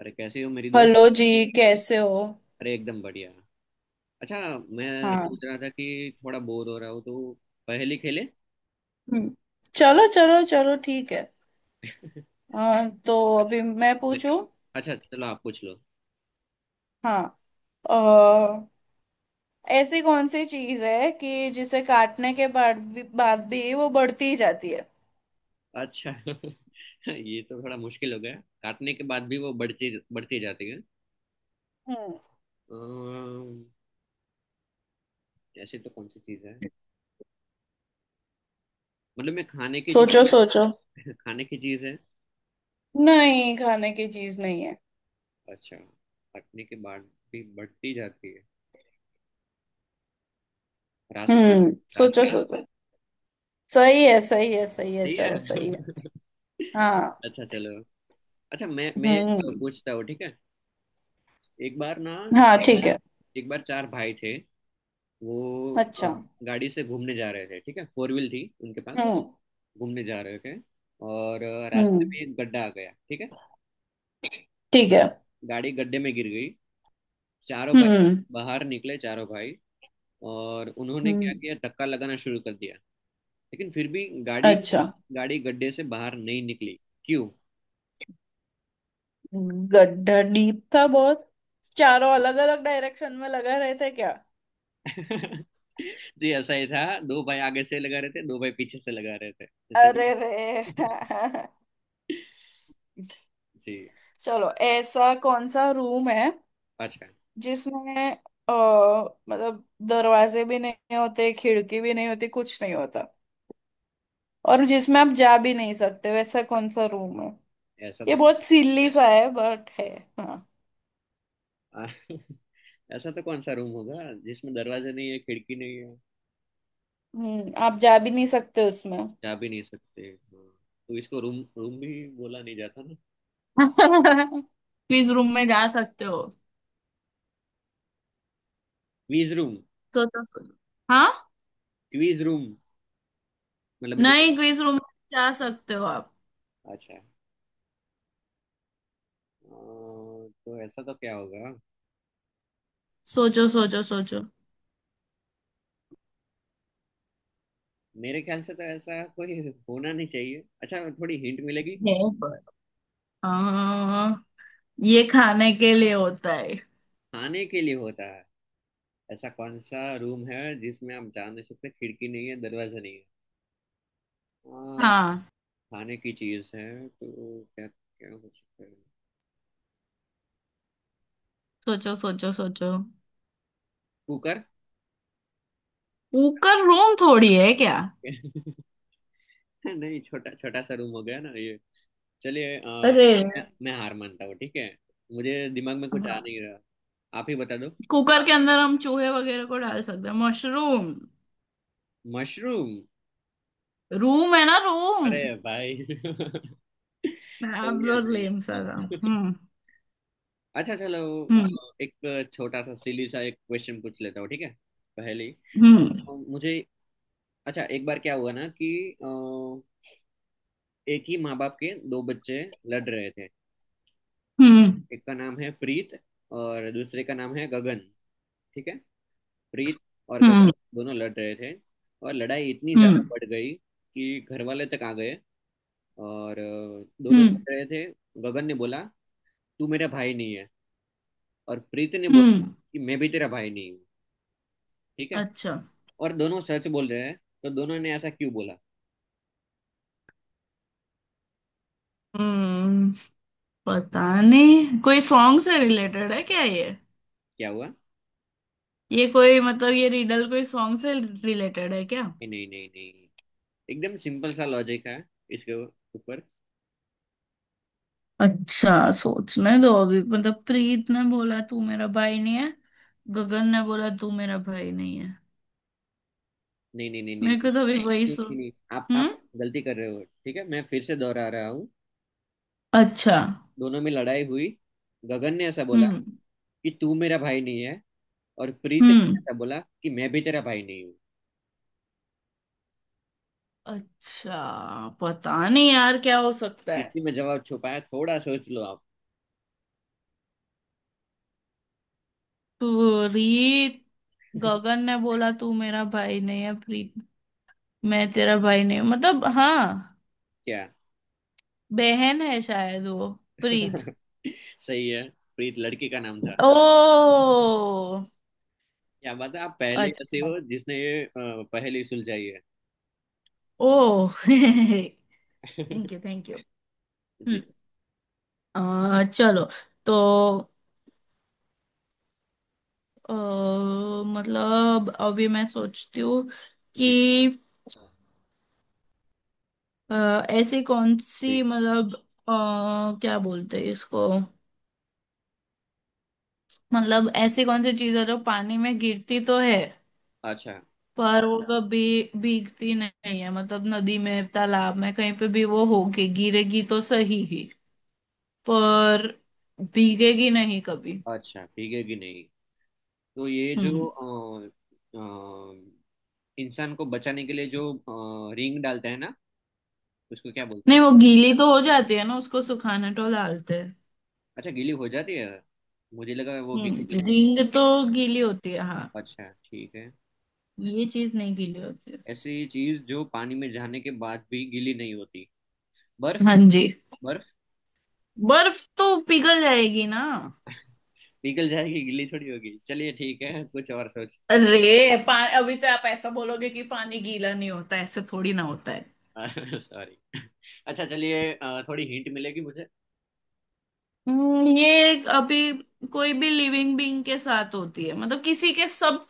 अरे कैसी हो मेरी दोस्त। हेलो जी। कैसे हो? अरे एकदम बढ़िया। अच्छा, मैं हाँ। सोच रहा था कि थोड़ा बोर हो रहा हूँ तो पहेली खेले हम्म, चलो चलो चलो, ठीक है। तो अभी मैं पूछूं। अच्छा चलो आप पूछ लो। हाँ। अ, ऐसी कौन सी चीज है कि जिसे काटने के बाद भी वो बढ़ती ही जाती है? अच्छा ये तो थोड़ा मुश्किल हो गया। काटने के बाद भी वो बढ़ती बढ़ती जाती है। हम्म अम्म, ऐसी तो कौन सी चीज है, मतलब मैं खाने की चीज सोचो, सोचो। खाने की चीज है। नहीं, खाने की चीज नहीं है। अच्छा, काटने के बाद भी बढ़ती जाती है। रास्ता। हम्म सोचो, रास्ता। सोचो। सही है, सही है, सही है, सही है चलो, सही है। हाँ। अच्छा चलो, अच्छा मैं हम्म, एक पूछता हूँ, ठीक है। एक बार ना, हाँ, ठीक है। एक बार चार भाई थे, वो अच्छा। अ, गाड़ी से घूमने जा रहे थे, ठीक है, फोर व्हील थी उनके पास। हम्म। घूमने जा रहे थे और रास्ते हम्म, में एक गड्ढा आ गया, ठीक है। ठीक है। गाड़ी गड्ढे में गिर गई। चारों भाई हम्म। बाहर निकले, चारों भाई, और उन्होंने हम्म। क्या किया, धक्का लगाना शुरू कर दिया। लेकिन फिर भी गाड़ी अच्छा। गाड़ी गड्ढे से बाहर नहीं निकली। क्यों? गड्ढा डीप था बहुत। चारों अलग अलग डायरेक्शन में लगा रहे थे क्या? जी ऐसा ही था, दो भाई आगे से लगा रहे थे, दो भाई पीछे से लगा रहे थे, सही अरे रे है। जी। चलो, ऐसा कौन सा रूम है पाँच का। जिसमें मतलब दरवाजे भी नहीं होते, खिड़की भी नहीं होती, कुछ नहीं होता, और जिसमें आप जा भी नहीं सकते, वैसा कौन सा रूम है? ऐसा ये तक, बहुत सिल्ली सा है, बट है। हाँ। आ- ऐसा तो कौन सा रूम होगा जिसमें दरवाजा नहीं है, खिड़की नहीं है, आप जा भी नहीं सकते उसमें। जा भी नहीं सकते, हाँ, तो इसको रूम रूम भी बोला नहीं जाता ना। क्विज रूम में जा सकते हो। Quiz room. तो सोचो। हाँ। क्वीज रूम, मतलब जो। नहीं, क्विज रूम में जा सकते हो आप। अच्छा, तो ऐसा तो क्या होगा? सोचो, सोचो, सोचो। मेरे ख्याल से तो ऐसा कोई होना नहीं चाहिए। अच्छा, थोड़ी हिंट मिलेगी? है। पर आ, ये खाने के लिए होता है। खाने के लिए होता है? ऐसा कौन सा रूम है जिसमें आप जा नहीं सकते, खिड़की नहीं है, दरवाजा नहीं है, अ, हाँ। खाने की चीज है, तो क्या क्या हो सकता है? सोचो, सोचो, सोचो। कुकर। कुकर रूम थोड़ी है क्या? नहीं, छोटा छोटा सा रूम हो गया ना ये। चलिए, अरे। मैं हार मानता हूँ, ठीक है। मुझे दिमाग में कुछ आ हाँ। नहीं रहा। आप ही बता दो। कुकर के अंदर हम चूहे वगैरह को डाल सकते हैं। मशरूम। मशरूम। रूम है ना, रूम। अरे भाई सही है, बहुत सही लेम सा था। है। हम्म। अच्छा चलो, अ, हम्म। एक छोटा सा सिली सा एक क्वेश्चन पूछ लेता हूँ, ठीक है, पहले। हम्म। मुझे अच्छा, एक बार क्या हुआ ना कि अ, एक ही माँ बाप के दो बच्चे लड़ रहे थे। हम्म। एक का नाम है प्रीत और दूसरे का नाम है गगन, ठीक है। प्रीत और गगन, हम्म। दोनों लड़ रहे थे, और लड़ाई इतनी ज्यादा हम्म। बढ़ गई कि घर वाले तक आ गए। और दोनों हम्म। लड़ रहे थे। गगन ने बोला, तू मेरा भाई नहीं है, और प्रीत ने बोला हम्म, कि मैं भी तेरा भाई नहीं हूँ, ठीक है, अच्छा। और दोनों सच बोल रहे हैं। तो दोनों ने ऐसा क्यों बोला? हम्म। पता नहीं, कोई सॉन्ग से रिलेटेड है क्या ये? क्या हुआ? ये कोई, मतलब, ये रिडल कोई सॉन्ग से रिलेटेड है क्या? कि नहीं नहीं नहीं, एकदम सिंपल सा लॉजिक है इसके ऊपर। अच्छा, सोचने दो अभी। मतलब, प्रीत ने बोला, तू मेरा भाई नहीं है। गगन ने बोला, तू मेरा भाई नहीं है। नहीं नहीं नहीं नहीं मेरे नहीं। को तो अभी वही नहीं, सुन। नहीं, नहीं, आप हम्म। गलती कर रहे हो, ठीक है, मैं फिर से दोहरा रहा हूँ। अच्छा। दोनों में लड़ाई हुई, गगन ने ऐसा बोला हम्म, कि तू मेरा भाई नहीं है, और प्रीत ने हम्म। ऐसा बोला कि मैं भी तेरा भाई नहीं हूँ, अच्छा, पता नहीं यार क्या हो सकता है। इसलिए मैं जवाब छुपाया, थोड़ा सोच लो आप। प्रीत। गगन ने बोला, तू मेरा भाई नहीं है, प्रीत। मैं तेरा भाई नहीं हूँ, मतलब, हाँ। क्या? बहन है शायद वो। प्रीत। सही है, प्रीत लड़की का नाम था। ओ। क्या बात है, आप पहले ही ऐसे अच्छा। हो जिसने ये पहेली सुलझाई है। ओ थैंक यू, थैंक यू जी हम्म। चलो। तो, अ, मतलब अभी मैं सोचती हूँ जी कि ऐसी कौन जी। सी, मतलब, क्या बोलते हैं इसको, मतलब, ऐसी कौन सी चीज है जो पानी में गिरती तो है, अच्छा। पर वो कभी भीगती नहीं है। मतलब, नदी में, तालाब में, कहीं पे भी वो होगी, गिरेगी तो सही ही, पर भीगेगी नहीं कभी। अच्छा भीगेगी नहीं, तो ये जो हम्म। अ, इंसान को बचाने के लिए जो रिंग डालते हैं ना, उसको क्या बोलते हैं? नहीं, वो गीली तो हो जाती है ना, उसको सुखाने तो डालते हैं। अच्छा गीली हो जाती है, मुझे लगा वो गीली नहीं होती। रिंग तो गीली होती है, हाँ। अच्छा ठीक है। ये चीज नहीं गीली होती है। ऐसी चीज जो पानी में जाने के बाद भी गीली नहीं होती, पर हाँ जी। बर्फ? बर्फ तो पिघल जाएगी ना। पिघल जाएगी, गीली थोड़ी होगी। चलिए ठीक है, कुछ और सोचता अरे, अभी तो आप ऐसा बोलोगे कि पानी गीला नहीं होता, ऐसे थोड़ी ना होता है। हूँ। सॉरी। अच्छा चलिए, थोड़ी हिंट मिलेगी मुझे? ये अभी कोई भी लिविंग बीइंग के साथ होती है, मतलब किसी के, सब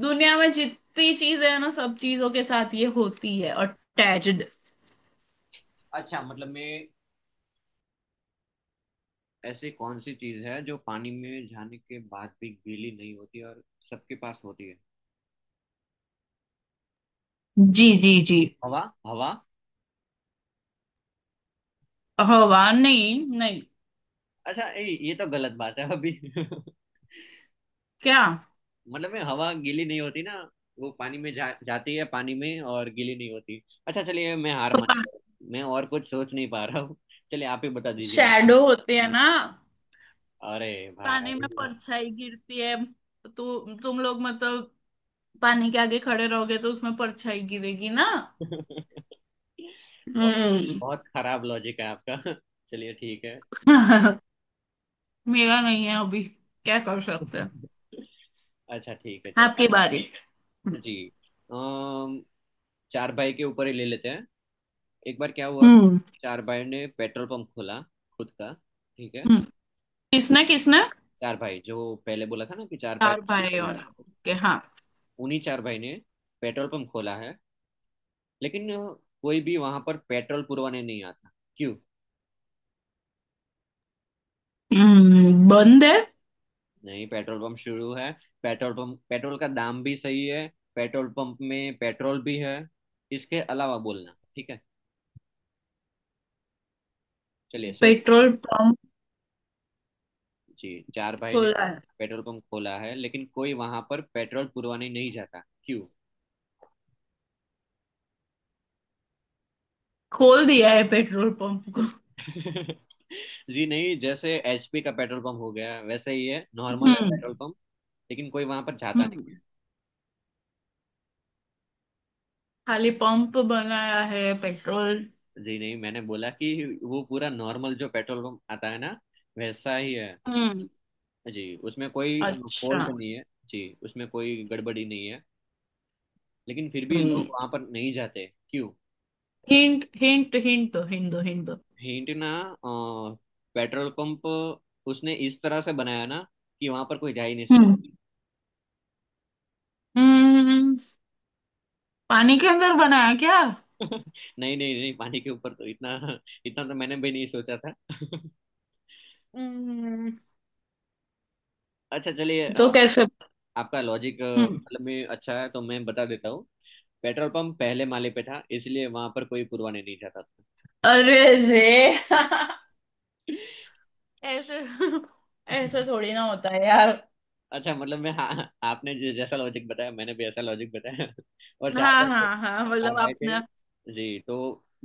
दुनिया में जितनी चीजें है ना, सब चीजों के साथ ये होती है अटैच्ड। अच्छा मतलब मैं, ऐसी कौन सी चीज है जो पानी में जाने के बाद भी गीली नहीं होती और सबके पास होती है? जी, जी, जी। हवा। हवा। हवा? नहीं, नहीं। अच्छा ये तो गलत बात है अभी क्या? मतलब मैं हवा गीली नहीं होती ना, वो पानी में जाती है पानी में और गीली नहीं होती। अच्छा चलिए, मैं हार तो मान, मैं और कुछ सोच नहीं पा रहा हूँ। चलिए आप ही बता दीजिए मुझे। शैडो होते हैं ना। अरे पानी भाई, में परछाई गिरती है, तो तुम लोग मतलब पानी के आगे खड़े रहोगे तो उसमें परछाई गिरेगी ना। बहुत हम्म। बहुत खराब लॉजिक है आपका। चलिए ठीक है। मेरा नहीं है अभी। क्या कर सकते हैं। अच्छा ठीक है चलो। आपकी बारी। जी। अम, चार भाई के ऊपर ही ले लेते हैं। एक बार क्या हुआ, हम्म। चार भाई ने पेट्रोल पंप खोला, खुद का, ठीक है। हम्म, किसने, किसने? चार भाई, जो पहले बोला था ना कि चार भाई चार बीस भाइयों हजार ने, ओके, का, हाँ। उन्हीं चार भाई ने पेट्रोल पंप खोला है, लेकिन कोई भी वहां पर पेट्रोल पुरवाने नहीं आता। क्यों? बंद है? नहीं, पेट्रोल पंप शुरू है, पेट्रोल पंप, पेट्रोल का दाम भी सही है, पेट्रोल पंप में पेट्रोल भी है, इसके अलावा बोलना, ठीक है, चलिए सो। पेट्रोल पंप जी, चार भाई ने खोला है। पेट्रोल पंप खोला है लेकिन कोई वहां पर पेट्रोल पुरवाने नहीं जाता, क्यों? खोल दिया है पेट्रोल पंप को। जी नहीं, जैसे एचपी का पेट्रोल पंप हो गया वैसे ही है, नॉर्मल है हम्म। पेट्रोल पंप, लेकिन कोई वहां पर जाता नहीं। हम्म खाली पंप बनाया है पेट्रोल? जी नहीं, मैंने बोला कि वो पूरा नॉर्मल जो पेट्रोल पंप आता है ना, वैसा ही है। हम्म। जी उसमें कोई अच्छा। फॉल्ट नहीं है, जी उसमें कोई गड़बड़ी नहीं है, लेकिन फिर भी हम्म लोग वहां पर नहीं जाते, क्यों? हिंट, हिंट, हिंट दो, हिंट दो, हिंट दो। हिंट ना, अ, पेट्रोल पंप उसने इस तरह से बनाया ना कि वहां पर कोई जा ही नहीं सकता। हम्म। हम्म पानी के अंदर बनाया क्या? नहीं नहीं नहीं, पानी के ऊपर तो इतना, इतना तो मैंने भी नहीं सोचा था हम्म। अच्छा चलिए, तो कैसे? आपका लॉजिक हम्म। मतलब में अच्छा है तो मैं बता देता हूँ, पेट्रोल पंप पहले माले पे था, इसलिए वहां पर कोई पुरवाने नहीं जाता था। अरे। जे। ऐसे, ऐसे थोड़ी ना होता है यार। अच्छा मतलब मैं, हाँ, आपने जो जैसा लॉजिक बताया, मैंने भी ऐसा लॉजिक बताया और चार हाँ, भाई थे, हाँ, हाँ, चार मतलब भाई थे आपने। जी, तो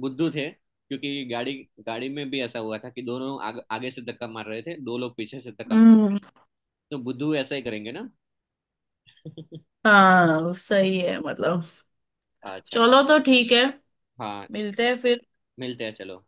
बुद्धू थे क्योंकि गाड़ी गाड़ी में भी ऐसा हुआ था कि दोनों आगे से धक्का मार रहे थे, दो लोग पीछे से धक्का मार रहे हम्म। थे। तो बुद्धू ऐसा ही करेंगे ना। हाँ, सही है मतलब। अच्छा चलो तो, ठीक है। हाँ, मिलते हैं फिर। मिलते हैं चलो।